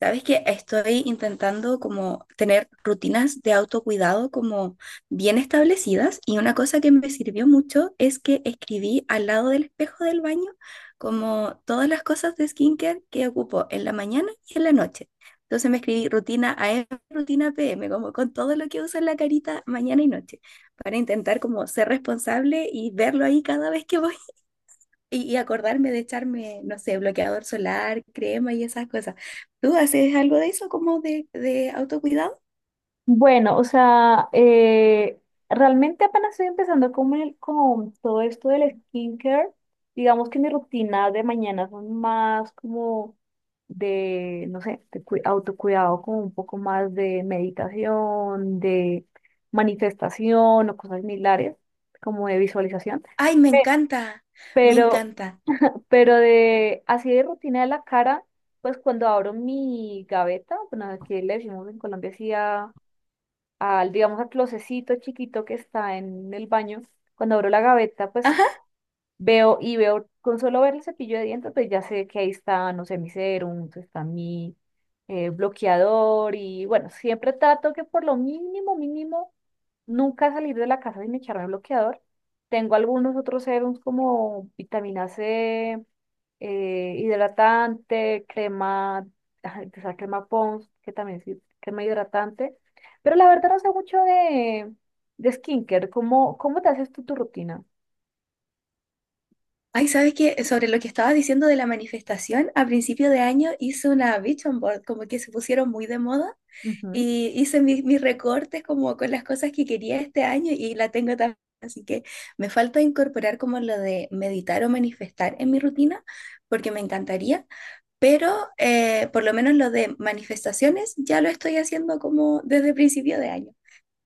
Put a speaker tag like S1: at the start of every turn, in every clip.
S1: Sabes que estoy intentando como tener rutinas de autocuidado como bien establecidas y una cosa que me sirvió mucho es que escribí al lado del espejo del baño como todas las cosas de skincare que ocupo en la mañana y en la noche. Entonces me escribí rutina AM, rutina PM, como con todo lo que uso en la carita mañana y noche, para intentar como ser responsable y verlo ahí cada vez que voy. Y acordarme de echarme, no sé, bloqueador solar, crema y esas cosas. ¿Tú haces algo de eso como de, autocuidado?
S2: Bueno, o sea, realmente apenas estoy empezando con todo esto del skincare. Digamos que mi rutina de mañana son más como de, no sé, autocuidado, como un poco más de meditación, de manifestación o cosas similares, como de visualización.
S1: Ay, me
S2: Pe-
S1: encanta, me
S2: Pero,
S1: encanta.
S2: pero de así de rutina de la cara, pues cuando abro mi gaveta, bueno, aquí le decimos en Colombia así al, digamos, al closecito chiquito que está en el baño, cuando abro la gaveta, pues
S1: Ajá.
S2: veo y veo, con solo ver el cepillo de dientes, pues ya sé que ahí está, no sé, mi serum, está mi bloqueador y bueno, siempre trato que por lo mínimo, mínimo, nunca salir de la casa sin echarme bloqueador. Tengo algunos otros serums como vitamina C, hidratante, crema, ay, o sea, crema Pons, que también sí, crema hidratante. Pero la verdad no sé mucho de skincare. ¿Cómo, cómo te haces tú tu rutina?
S1: Ay, ¿sabes qué? Sobre lo que estabas diciendo de la manifestación, a principio de año hice una vision board, como que se pusieron muy de moda,
S2: Ujú.
S1: y hice mis recortes como con las cosas que quería este año y la tengo también. Así que me falta incorporar como lo de meditar o manifestar en mi rutina, porque me encantaría. Pero por lo menos lo de manifestaciones ya lo estoy haciendo como desde principio de año.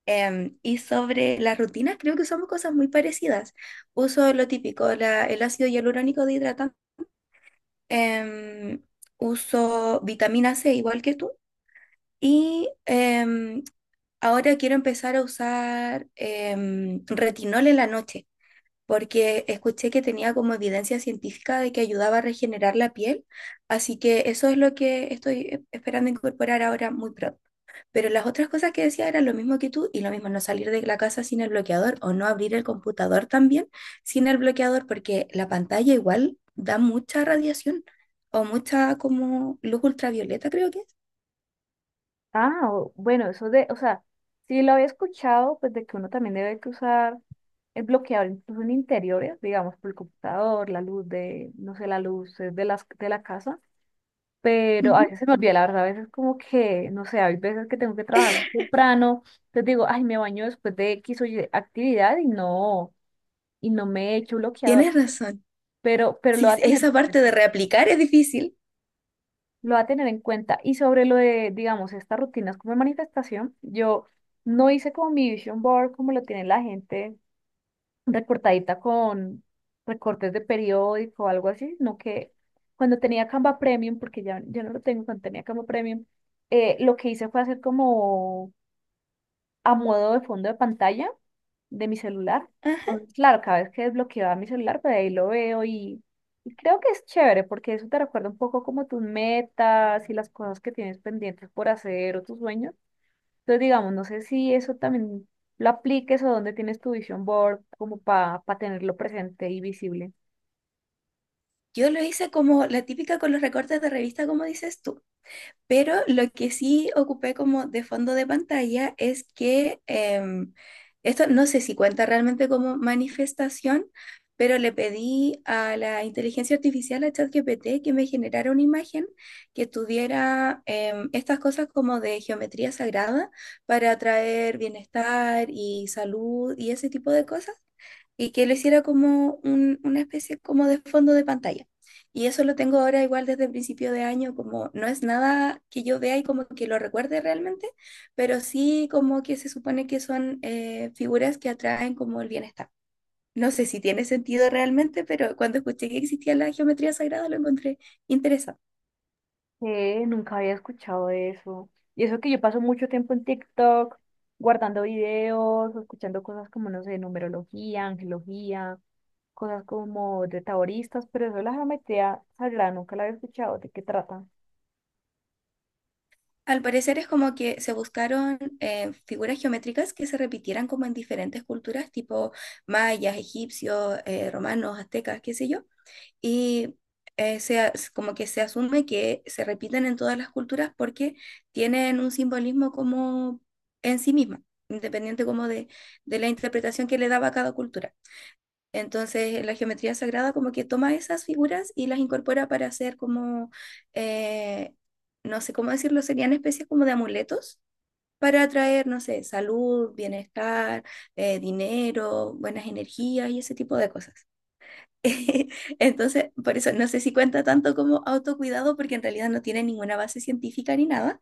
S1: Y sobre las rutinas, creo que usamos cosas muy parecidas. Uso lo típico, el ácido hialurónico de hidratante. Em, Uso vitamina C, igual que tú. Y ahora quiero empezar a usar retinol en la noche porque escuché que tenía como evidencia científica de que ayudaba a regenerar la piel, así que eso es lo que estoy esperando incorporar ahora muy pronto. Pero las otras cosas que decía eran lo mismo que tú y lo mismo, no salir de la casa sin el bloqueador o no abrir el computador también sin el bloqueador, porque la pantalla igual da mucha radiación o mucha como luz ultravioleta, creo que es.
S2: Ah, bueno, eso de, o sea, sí lo había escuchado, pues de que uno también debe que usar el bloqueador incluso en interiores, digamos, por el computador, la luz de, no sé, la luz de las, de la casa. Pero a
S1: Ujú.
S2: veces se me olvida, la verdad, a veces como que, no sé, hay veces que tengo que trabajar muy temprano, entonces digo, ay, me baño después de X o Y actividad y no me echo bloqueador,
S1: Tienes razón.
S2: pero lo
S1: Sí,
S2: va a tener
S1: esa
S2: en
S1: parte de
S2: cuenta,
S1: reaplicar es difícil.
S2: lo va a tener en cuenta. Y sobre lo de, digamos, estas rutinas como de manifestación, yo no hice como mi vision board como lo tiene la gente recortadita con recortes de periódico o algo así, sino que cuando tenía Canva Premium, porque ya no lo tengo, cuando tenía Canva Premium, lo que hice fue hacer como a modo de fondo de pantalla de mi celular.
S1: Ah.
S2: Entonces, claro, cada vez que desbloqueaba mi celular, pues ahí lo veo y creo que es chévere porque eso te recuerda un poco como tus metas y las cosas que tienes pendientes por hacer o tus sueños. Entonces, digamos, no sé si eso también lo apliques o dónde tienes tu vision board como para tenerlo presente y visible.
S1: Yo lo hice como la típica con los recortes de revista, como dices tú, pero lo que sí ocupé como de fondo de pantalla es que esto no sé si cuenta realmente como manifestación, pero le pedí a la inteligencia artificial, a ChatGPT, que me generara una imagen que tuviera estas cosas como de geometría sagrada para atraer bienestar y salud y ese tipo de cosas y que lo hiciera como una especie como de fondo de pantalla. Y eso lo tengo ahora igual desde el principio de año, como no es nada que yo vea y como que lo recuerde realmente, pero sí como que se supone que son figuras que atraen como el bienestar. No sé si tiene sentido realmente, pero cuando escuché que existía la geometría sagrada lo encontré interesante.
S2: Nunca había escuchado de eso. Y eso que yo paso mucho tiempo en TikTok, guardando videos, o escuchando cosas como, no sé, numerología, angelología, cosas como de taoristas, pero eso de la geometría sagrada nunca la había escuchado. ¿De qué trata?
S1: Al parecer es como que se buscaron figuras geométricas que se repitieran como en diferentes culturas, tipo mayas, egipcios, romanos, aztecas, qué sé yo, y como que se asume que se repiten en todas las culturas porque tienen un simbolismo como en sí misma, independiente como de, la interpretación que le daba cada cultura. Entonces, la geometría sagrada como que toma esas figuras y las incorpora para hacer como, eh, no sé cómo decirlo, serían especies como de amuletos para atraer, no sé, salud, bienestar, dinero, buenas energías y ese tipo de cosas. Entonces, por eso no sé si cuenta tanto como autocuidado, porque en realidad no tiene ninguna base científica ni nada,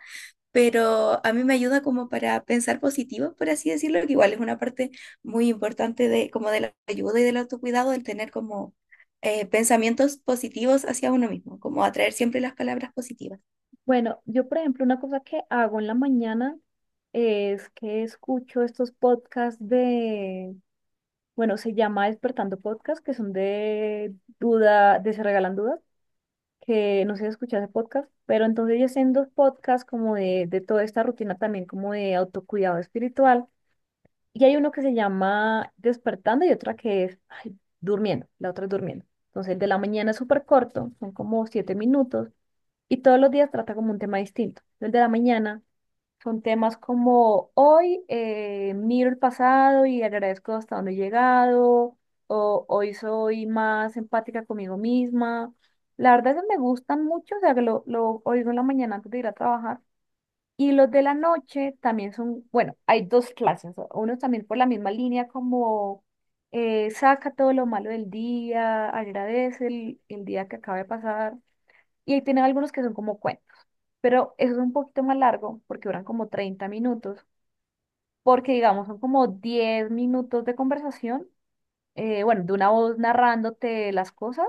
S1: pero a mí me ayuda como para pensar positivo, por así decirlo, que igual es una parte muy importante de como de la ayuda y del autocuidado, el tener como pensamientos positivos hacia uno mismo, como atraer siempre las palabras positivas.
S2: Bueno, yo, por ejemplo, una cosa que hago en la mañana es que escucho estos podcasts de bueno, se llama Despertando Podcast, que son de duda, de Se Regalan Dudas, que no sé si escuchaste podcast, pero entonces ellos hacen dos podcasts como de toda esta rutina también como de autocuidado espiritual. Y hay uno que se llama Despertando y otra que es ay, Durmiendo, la otra es Durmiendo. Entonces el de la mañana es súper corto, son como 7 minutos y todos los días trata como un tema distinto. El de la mañana son temas como hoy miro el pasado y agradezco hasta dónde he llegado, o hoy soy más empática conmigo misma. La verdad es que me gustan mucho, o sea, que lo oigo en la mañana antes de ir a trabajar. Y los de la noche también son, bueno, hay dos clases, unos también por la misma línea como saca todo lo malo del día, agradece el día que acaba de pasar. Y ahí tienen algunos que son como cuentos, pero eso es un poquito más largo porque duran como 30 minutos porque digamos son como 10 minutos de conversación, bueno, de una voz narrándote las cosas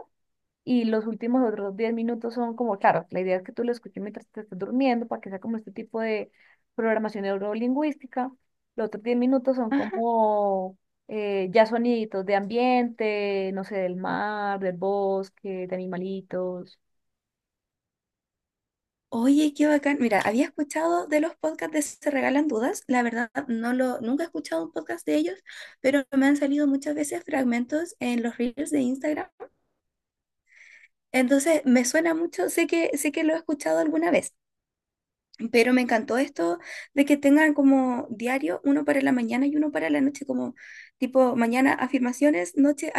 S2: y los últimos otros 10 minutos son como, claro, la idea es que tú lo escuches mientras te estés durmiendo para que sea como este tipo de programación neurolingüística. Los otros 10 minutos son
S1: Ah.
S2: como ya soniditos de ambiente, no sé, del mar, del bosque, de animalitos.
S1: Oye, qué bacán. Mira, había escuchado de los podcasts de Se Regalan Dudas. La verdad, nunca he escuchado un podcast de ellos, pero me han salido muchas veces fragmentos en los reels de Instagram. Entonces, me suena mucho, sé que, lo he escuchado alguna vez, pero me encantó esto de que tengan como diario uno para la mañana y uno para la noche, como tipo mañana afirmaciones, noche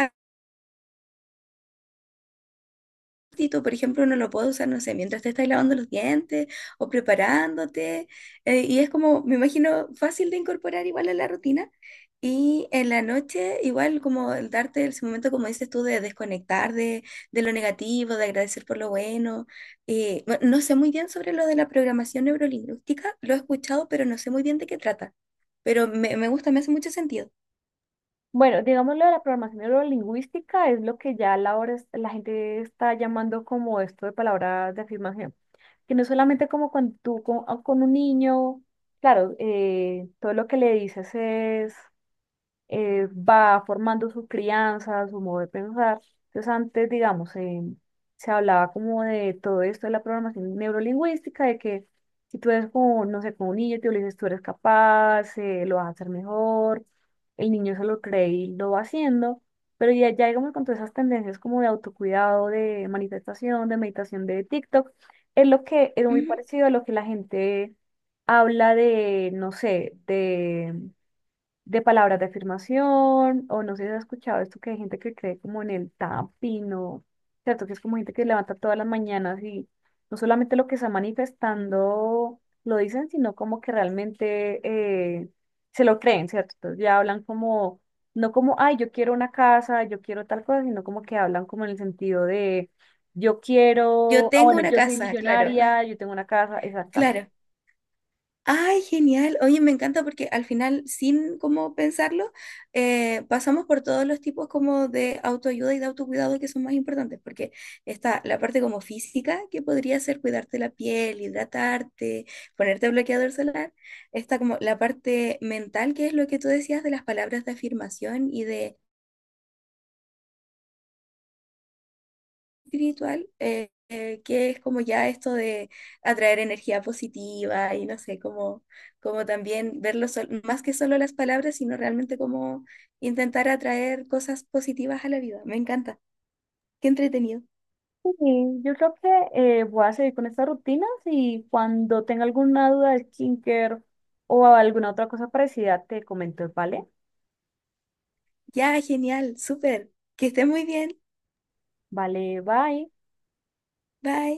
S1: Tito, por ejemplo, uno lo puede usar, no sé, mientras te estás lavando los dientes o preparándote. Y es como, me imagino, fácil de incorporar igual a la rutina. Y en la noche, igual como el darte ese momento, como dices tú, de desconectar de, lo negativo, de agradecer por lo bueno. Bueno, no sé muy bien sobre lo de la programación neurolingüística, lo he escuchado, pero no sé muy bien de qué trata. Pero me gusta, me hace mucho sentido.
S2: Bueno, digamos lo de la programación neurolingüística es lo que ya a la hora la gente está llamando como esto de palabras de afirmación. Que no solamente como con tú, con, o con un niño, claro, todo lo que le dices es va formando su crianza, su modo de pensar. Entonces antes, digamos, se hablaba como de todo esto de la programación neurolingüística, de que si tú eres como, no sé, como un niño, tú le dices, tú eres capaz, lo vas a hacer mejor, el niño se lo cree y lo va haciendo, pero ya digamos con todas esas tendencias como de autocuidado, de manifestación, de meditación de TikTok, es lo que es muy
S1: Ujú.
S2: parecido a lo que la gente habla de, no sé, de palabras de afirmación, o no sé si has escuchado esto que hay gente que cree como en el tapping, o cierto, que es como gente que levanta todas las mañanas y no solamente lo que está manifestando lo dicen, sino como que realmente eh, se lo creen, ¿cierto? Entonces ya hablan como, no como, ay, yo quiero una casa, yo quiero tal cosa, sino como que hablan como en el sentido de, yo
S1: Yo
S2: quiero, ah,
S1: tengo
S2: bueno,
S1: una
S2: yo soy
S1: casa, claro,
S2: millonaria, yo tengo una casa, exactamente.
S1: claro. Ay, genial. Oye, me encanta porque al final, sin como pensarlo, pasamos por todos los tipos como de autoayuda y de autocuidado que son más importantes, porque está la parte como física, que podría ser cuidarte la piel, hidratarte, ponerte bloqueador solar. Está como la parte mental, que es lo que tú decías de las palabras de afirmación y de espiritual, que es como ya esto de atraer energía positiva y no sé, como, como también más que solo las palabras, sino realmente como intentar atraer cosas positivas a la vida. Me encanta. Qué entretenido.
S2: Sí, yo creo que voy a seguir con estas rutinas y cuando tenga alguna duda de skincare o alguna otra cosa parecida te comento, ¿vale?
S1: Ya, genial, súper. Que esté muy bien.
S2: Vale, bye.
S1: Bye.